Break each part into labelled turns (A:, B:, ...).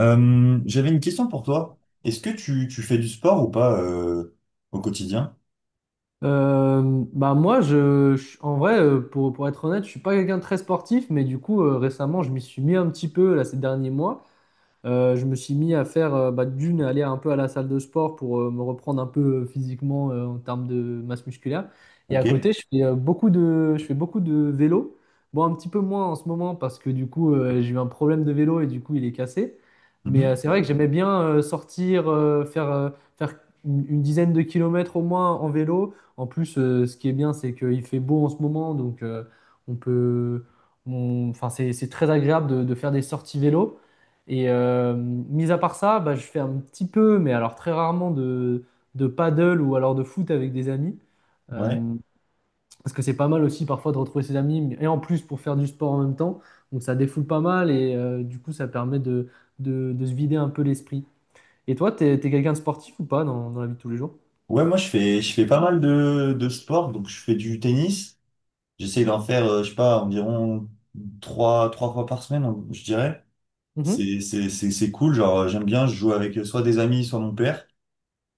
A: J'avais une question pour toi. Est-ce que tu fais du sport ou pas au quotidien?
B: Euh, bah moi, en vrai, pour être honnête, je suis pas quelqu'un de très sportif, mais du coup, récemment, je m'y suis mis un petit peu là, ces derniers mois. Je me suis mis à faire bah, d'une, aller un peu à la salle de sport pour me reprendre un peu physiquement en termes de masse musculaire. Et à
A: Ok.
B: côté, je fais beaucoup de vélo. Bon, un petit peu moins en ce moment parce que du coup, j'ai eu un problème de vélo et du coup, il est cassé. Mais
A: Mhm.
B: c'est vrai que j'aimais bien sortir, faire une dizaine de kilomètres au moins en vélo. En plus, ce qui est bien, c'est qu'il fait beau en ce moment, donc on peut, on- enfin, c'est très agréable de faire des sorties vélo. Et mis à part ça, bah, je fais un petit peu, mais alors très rarement, de paddle ou alors de foot avec des amis. Euh,
A: Ouais.
B: parce que c'est pas mal aussi parfois de retrouver ses amis, et en plus pour faire du sport en même temps. Donc ça défoule pas mal et du coup ça permet de se vider un peu l'esprit. Et toi, t'es quelqu'un de sportif ou pas dans la vie de tous les jours?
A: Ouais, moi je fais pas mal de sport, donc je fais du tennis. J'essaie d'en faire, je sais pas, environ trois fois par semaine, je dirais.
B: Mhm.
A: C'est cool, genre j'aime bien, je joue avec soit des amis, soit mon père.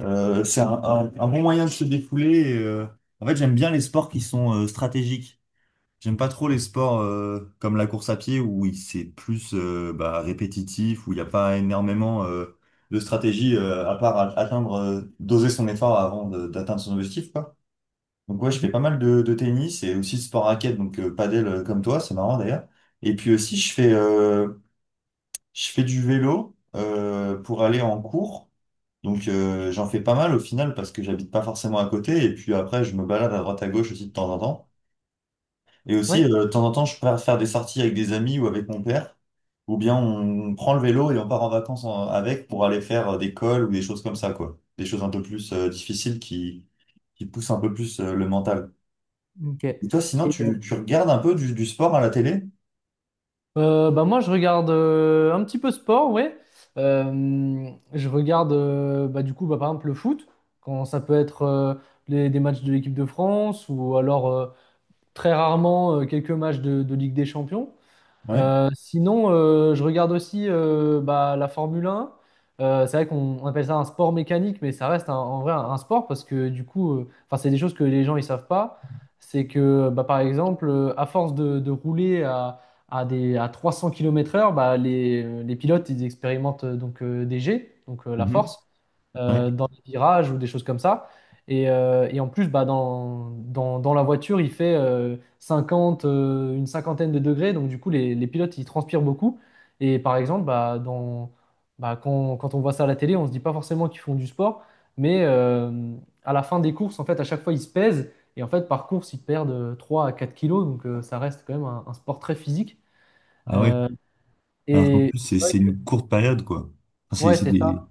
A: C'est un bon moyen de se défouler. Et, en fait, j'aime bien les sports qui sont stratégiques. J'aime pas trop les sports comme la course à pied où c'est plus bah, répétitif, où il n'y a pas énormément de stratégie à part atteindre, doser son effort avant d'atteindre son objectif, quoi. Donc ouais, je
B: Mhm.
A: fais pas mal de tennis et aussi de sport raquette, donc padel comme toi, c'est marrant d'ailleurs. Et puis aussi, je fais du vélo pour aller en cours. Donc j'en fais pas mal au final parce que j'habite pas forcément à côté. Et puis après, je me balade à droite à gauche aussi de temps en temps. Et aussi,
B: Ouais.
A: de temps en temps, je peux faire des sorties avec des amis ou avec mon père, ou bien on prend le vélo et on part en vacances avec pour aller faire des cols ou des choses comme ça, quoi. Des choses un peu plus difficiles qui poussent un peu plus le mental.
B: Ok.
A: Et toi, sinon,
B: Et,
A: tu regardes un peu du sport à la télé?
B: Bah moi, je regarde un petit peu sport, ouais. Je regarde, bah, du coup, bah, par exemple, le foot, quand ça peut être des matchs de l'équipe de France ou alors très rarement quelques matchs de Ligue des Champions.
A: Ouais.
B: Sinon, je regarde aussi bah, la Formule 1. C'est vrai qu'on on appelle ça un sport mécanique, mais ça reste en vrai un sport parce que du coup, enfin, c'est des choses que les gens ils savent pas. C'est que bah, par exemple, à force de rouler à 300 km/h, bah, les pilotes ils expérimentent donc des jets, donc la
A: Mhm.
B: force,
A: Ouais.
B: dans les virages ou des choses comme ça. Et en plus, bah, dans la voiture, il fait 50, une cinquantaine de degrés. Donc, du coup, les pilotes, ils transpirent beaucoup. Et par exemple, bah, quand on voit ça à la télé, on se dit pas forcément qu'ils font du sport. Mais à la fin des courses, en fait, à chaque fois, ils se pèsent. Et en fait, par course, ils perdent 3 à 4 kilos. Donc, ça reste quand même un sport très physique.
A: Ah ouais.
B: Euh,
A: Alors qu'en
B: et
A: plus,
B: c'est
A: c'est
B: vrai
A: c'est
B: que-
A: une courte période, quoi. Enfin, c'est
B: ouais,
A: c'est
B: c'est
A: des.
B: ça.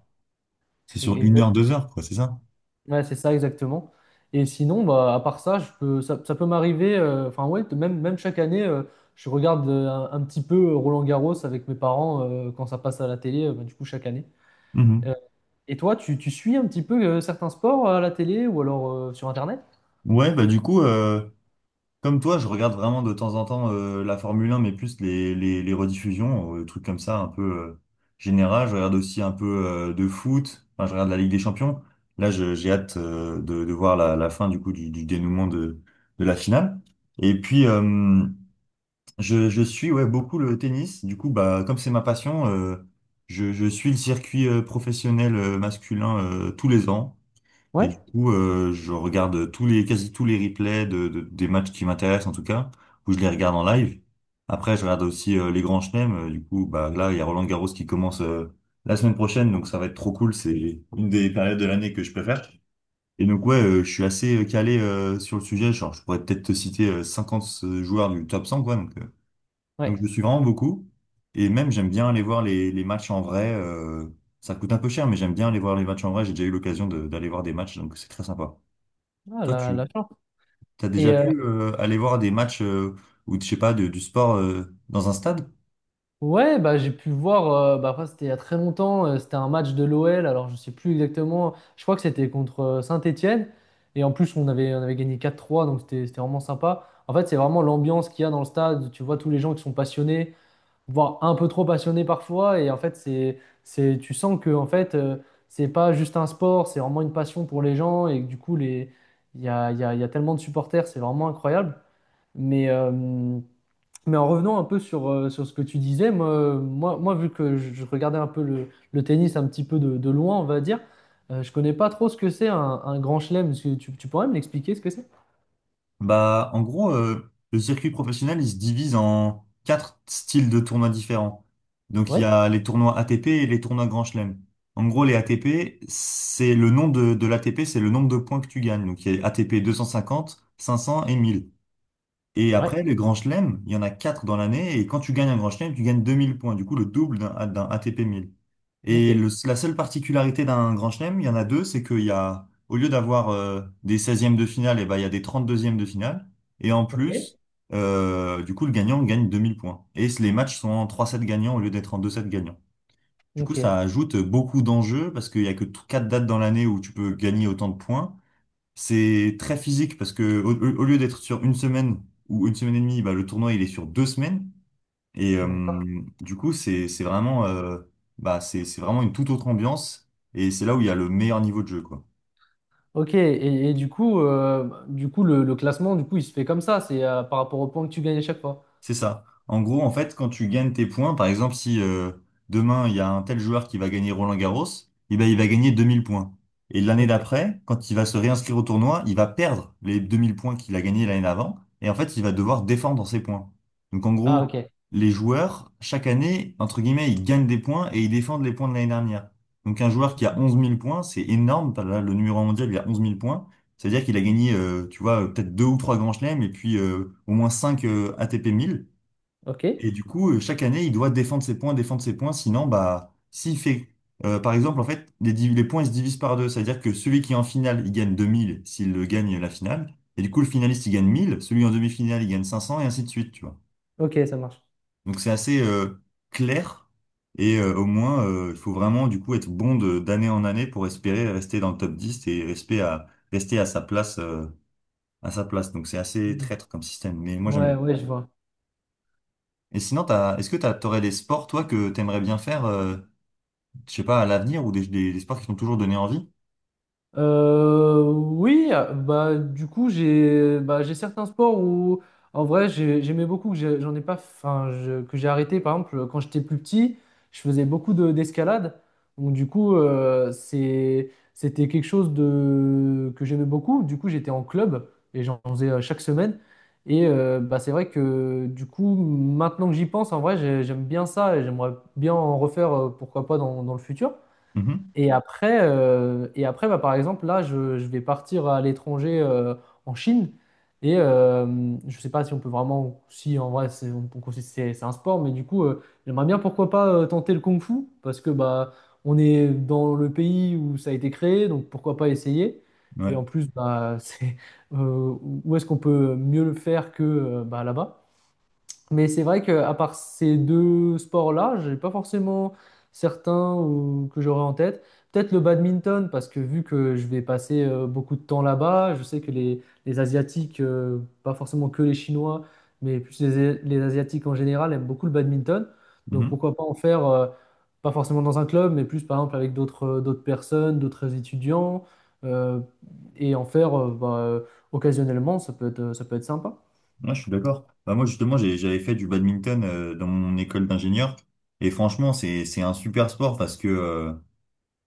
A: C'est sur une
B: E-
A: heure, deux heures, quoi, c'est ça?
B: Ouais, c'est ça exactement. Et sinon, bah, à part ça, ça peut m'arriver, enfin ouais, même chaque année, je regarde un petit peu Roland-Garros avec mes parents quand ça passe à la télé, bah, du coup chaque année.
A: Mhm.
B: Euh, et toi, tu suis un petit peu certains sports à la télé ou alors sur Internet?
A: Ouais, bah du coup, comme toi, je regarde vraiment de temps en temps la Formule 1, mais plus les rediffusions, des trucs comme ça, un peu général. Je regarde aussi un peu de foot. Enfin, je regarde la Ligue des Champions. Là, j'ai hâte de voir la fin du coup du dénouement de la finale. Et puis, je suis ouais beaucoup le tennis. Du coup, bah comme c'est ma passion, je suis le circuit professionnel masculin tous les ans. Et
B: Ouais.
A: du coup, je regarde tous les, quasi tous les replays des matchs qui m'intéressent, en tout cas, où je les regarde en live. Après, je regarde aussi les grands chelems. Du coup, bah, là, il y a Roland Garros qui commence la semaine prochaine, donc ça va être trop cool. C'est une des périodes de l'année que je préfère. Et donc, ouais, je suis assez calé sur le sujet. Genre, je pourrais peut-être te citer 50 joueurs du top 100, quoi. Donc, je le
B: Ouais,
A: suis vraiment beaucoup. Et même j'aime bien aller voir les matchs en vrai. Ça coûte un peu cher, mais j'aime bien aller voir les matchs en vrai. J'ai déjà eu l'occasion d'aller voir des matchs, donc c'est très sympa.
B: ah,
A: Toi,
B: la,
A: tu
B: la chance.
A: as déjà
B: Et
A: pu aller voir des matchs ou je sais pas du sport dans un stade?
B: ouais, bah, j'ai pu voir, bah, après, c'était il y a très longtemps, c'était un match de l'OL, alors je sais plus exactement, je crois que c'était contre Saint-Étienne, et en plus on avait gagné 4-3. Donc c'était vraiment sympa. En fait, c'est vraiment l'ambiance qu'il y a dans le stade, tu vois tous les gens qui sont passionnés, voire un peu trop passionnés parfois, et en fait, tu sens que en fait, c'est pas juste un sport, c'est vraiment une passion pour les gens, et que, du coup, il y a tellement de supporters, c'est vraiment incroyable. Mais, euh, mais en revenant un peu sur, sur ce que tu disais, moi, vu que je regardais un peu le tennis un petit peu de loin, on va dire, je connais pas trop ce que c'est un grand chelem. Est-ce que tu pourrais me l'expliquer ce que c'est?
A: Bah, en gros, le circuit professionnel, il se divise en quatre styles de tournois différents. Donc, il y
B: Ouais,
A: a les tournois ATP et les tournois Grand Chelem. En gros, les ATP, c'est le nom de l'ATP, c'est le nombre de points que tu gagnes. Donc, il y a ATP 500 et 1000. Et
B: ouais,
A: après, les grands chelems, il y en a quatre dans l'année. Et quand tu gagnes un grand chelem, tu gagnes 2000 points. Du coup, le double d'un ATP 1000.
B: ok,
A: Et la seule particularité d'un grand chelem, il y en a deux, c'est qu'il y a, au lieu d'avoir des seizièmes de finale, et ben, il y a des trente-deuxièmes de finale. Et en
B: ok,
A: plus, du coup, le gagnant gagne 2000 points. Et les matchs sont en trois 7 gagnants au lieu d'être en deux 7 gagnants. Du coup,
B: ok,
A: ça ajoute beaucoup d'enjeux parce qu'il y a que quatre dates dans l'année où tu peux gagner autant de points. C'est très physique parce que au lieu d'être sur une semaine ou une semaine et demie, bah, le tournoi il est sur deux semaines. Et
B: d'accord.
A: euh, du coup, c'est vraiment, bah, c'est vraiment une toute autre ambiance. Et c'est là où il y a le meilleur niveau de jeu, quoi.
B: Ok, et du coup, le classement, du coup, il se fait comme ça, c'est par rapport aux points que tu gagnes à chaque fois.
A: C'est ça. En gros, en fait, quand tu gagnes tes points, par exemple, si demain il y a un tel joueur qui va gagner Roland-Garros, eh ben, il va gagner 2000 points. Et l'année
B: Ok,
A: d'après, quand il va se réinscrire au tournoi, il va perdre les 2000 points qu'il a gagnés l'année d'avant. Et en fait, il va devoir défendre ses points. Donc en
B: ah,
A: gros,
B: ok,
A: les joueurs, chaque année, entre guillemets, ils gagnent des points et ils défendent les points de l'année dernière. Donc un joueur qui a 11 000 points, c'est énorme. Là, le numéro un mondial, il a 11 000 points. C'est-à-dire qu'il a gagné, tu vois, peut-être deux ou trois grands chelems et puis au moins cinq ATP 1000.
B: ok,
A: Et du coup, chaque année, il doit défendre ses points, défendre ses points. Sinon, bah, s'il fait, par exemple, en fait, les points ils se divisent par deux. C'est-à-dire que celui qui est en finale, il gagne 2000 s'il gagne la finale. Et du coup, le finaliste, il gagne 1000. Celui en demi-finale, il gagne 500 et ainsi de suite, tu vois.
B: ok, ça marche.
A: Donc, c'est assez clair. Et au moins, il faut vraiment, du coup, être bon d'année en année pour espérer rester dans le top 10 et rester à sa place. Donc c'est assez traître comme système, mais moi j'aime
B: Ouais,
A: bien.
B: ouais, je vois.
A: Et sinon, t'aurais des sports, toi, que t'aimerais bien faire, je sais pas, à l'avenir, ou des sports qui t'ont toujours donné envie?
B: Oui, ah, bah du coup j'ai bah, j'ai certains sports où en vrai j'aimais beaucoup que j'ai- j'en ai pas enfin je- que j'ai arrêté par exemple quand j'étais plus petit, je faisais beaucoup de d'escalade. Donc du coup c'était quelque chose de que j'aimais beaucoup. Du coup, j'étais en club et j'en faisais chaque semaine et bah c'est vrai que du coup maintenant que j'y pense en vrai j'aime bien ça et j'aimerais bien en refaire pourquoi pas dans le futur.
A: Mhm.
B: Et après, bah, par exemple, là, je vais partir à l'étranger en Chine. Et je ne sais pas si on peut vraiment, si en vrai, c'est on- considère- c'est un sport, mais du coup, j'aimerais bien, pourquoi pas, tenter le kung-fu, parce que bah, on est dans le pays où ça a été créé, donc pourquoi pas essayer.
A: Ouais.
B: Et en plus, bah, c'est, où est-ce qu'on peut mieux le faire que bah, là-bas? Mais c'est vrai qu'à part ces deux sports-là, j'ai pas forcément certains que j'aurais en tête. Peut-être le badminton, parce que vu que je vais passer beaucoup de temps là-bas, je sais que les Asiatiques, pas forcément que les Chinois, mais plus les Asiatiques en général, aiment beaucoup le badminton. Donc
A: Mhm.
B: pourquoi pas en faire, pas forcément dans un club, mais plus par exemple avec d'autres personnes, d'autres étudiants, euh, et en faire occasionnellement, ça peut être sympa.
A: Ouais, je suis d'accord. Bah, moi, justement, j'avais fait du badminton, dans mon école d'ingénieur. Et franchement, c'est un super sport parce que, euh,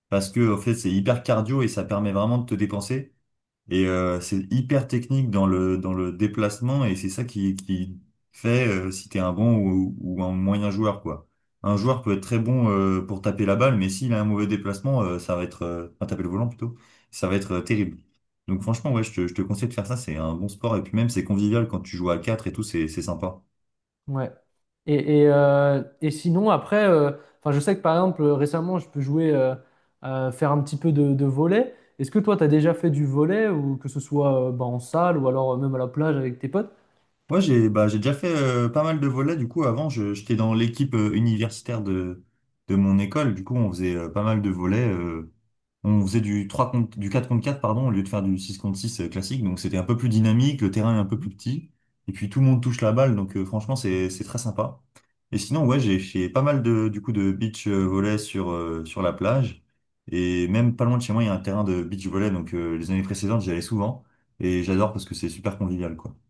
A: parce que, en fait, c'est hyper cardio et ça permet vraiment de te dépenser. Et c'est hyper technique dans le déplacement et c'est ça qui fait si t'es un bon ou un moyen joueur, quoi. Un joueur peut être très bon pour taper la balle, mais s'il a un mauvais déplacement, ça va être, enfin, taper le volant plutôt, ça va être terrible. Donc franchement, ouais, je te conseille de faire ça, c'est un bon sport. Et puis même, c'est convivial quand tu joues à 4 et tout, c'est sympa.
B: Ouais. Et, sinon, après, enfin, je sais que par exemple, récemment, faire un petit peu de volley. Est-ce que toi, tu as déjà fait du volley, ou que ce soit bah, en salle, ou alors même à la plage avec tes potes?
A: Ouais, j'ai bah, j'ai déjà fait pas mal de volets. Du coup, avant, j'étais dans l'équipe universitaire de mon école. Du coup, on faisait pas mal de volets. On faisait du 3 contre, du 4 contre 4 pardon, au lieu de faire du 6 contre 6 classique. Donc, c'était un peu plus dynamique. Le terrain est un peu plus petit. Et puis, tout le monde touche la balle. Donc, franchement, c'est très sympa. Et sinon, ouais, j'ai fait pas mal de, du coup, de beach volley sur la plage. Et même pas loin de chez moi, il y a un terrain de beach volley. Donc, les années précédentes, j'y allais souvent. Et j'adore parce que c'est super convivial, quoi.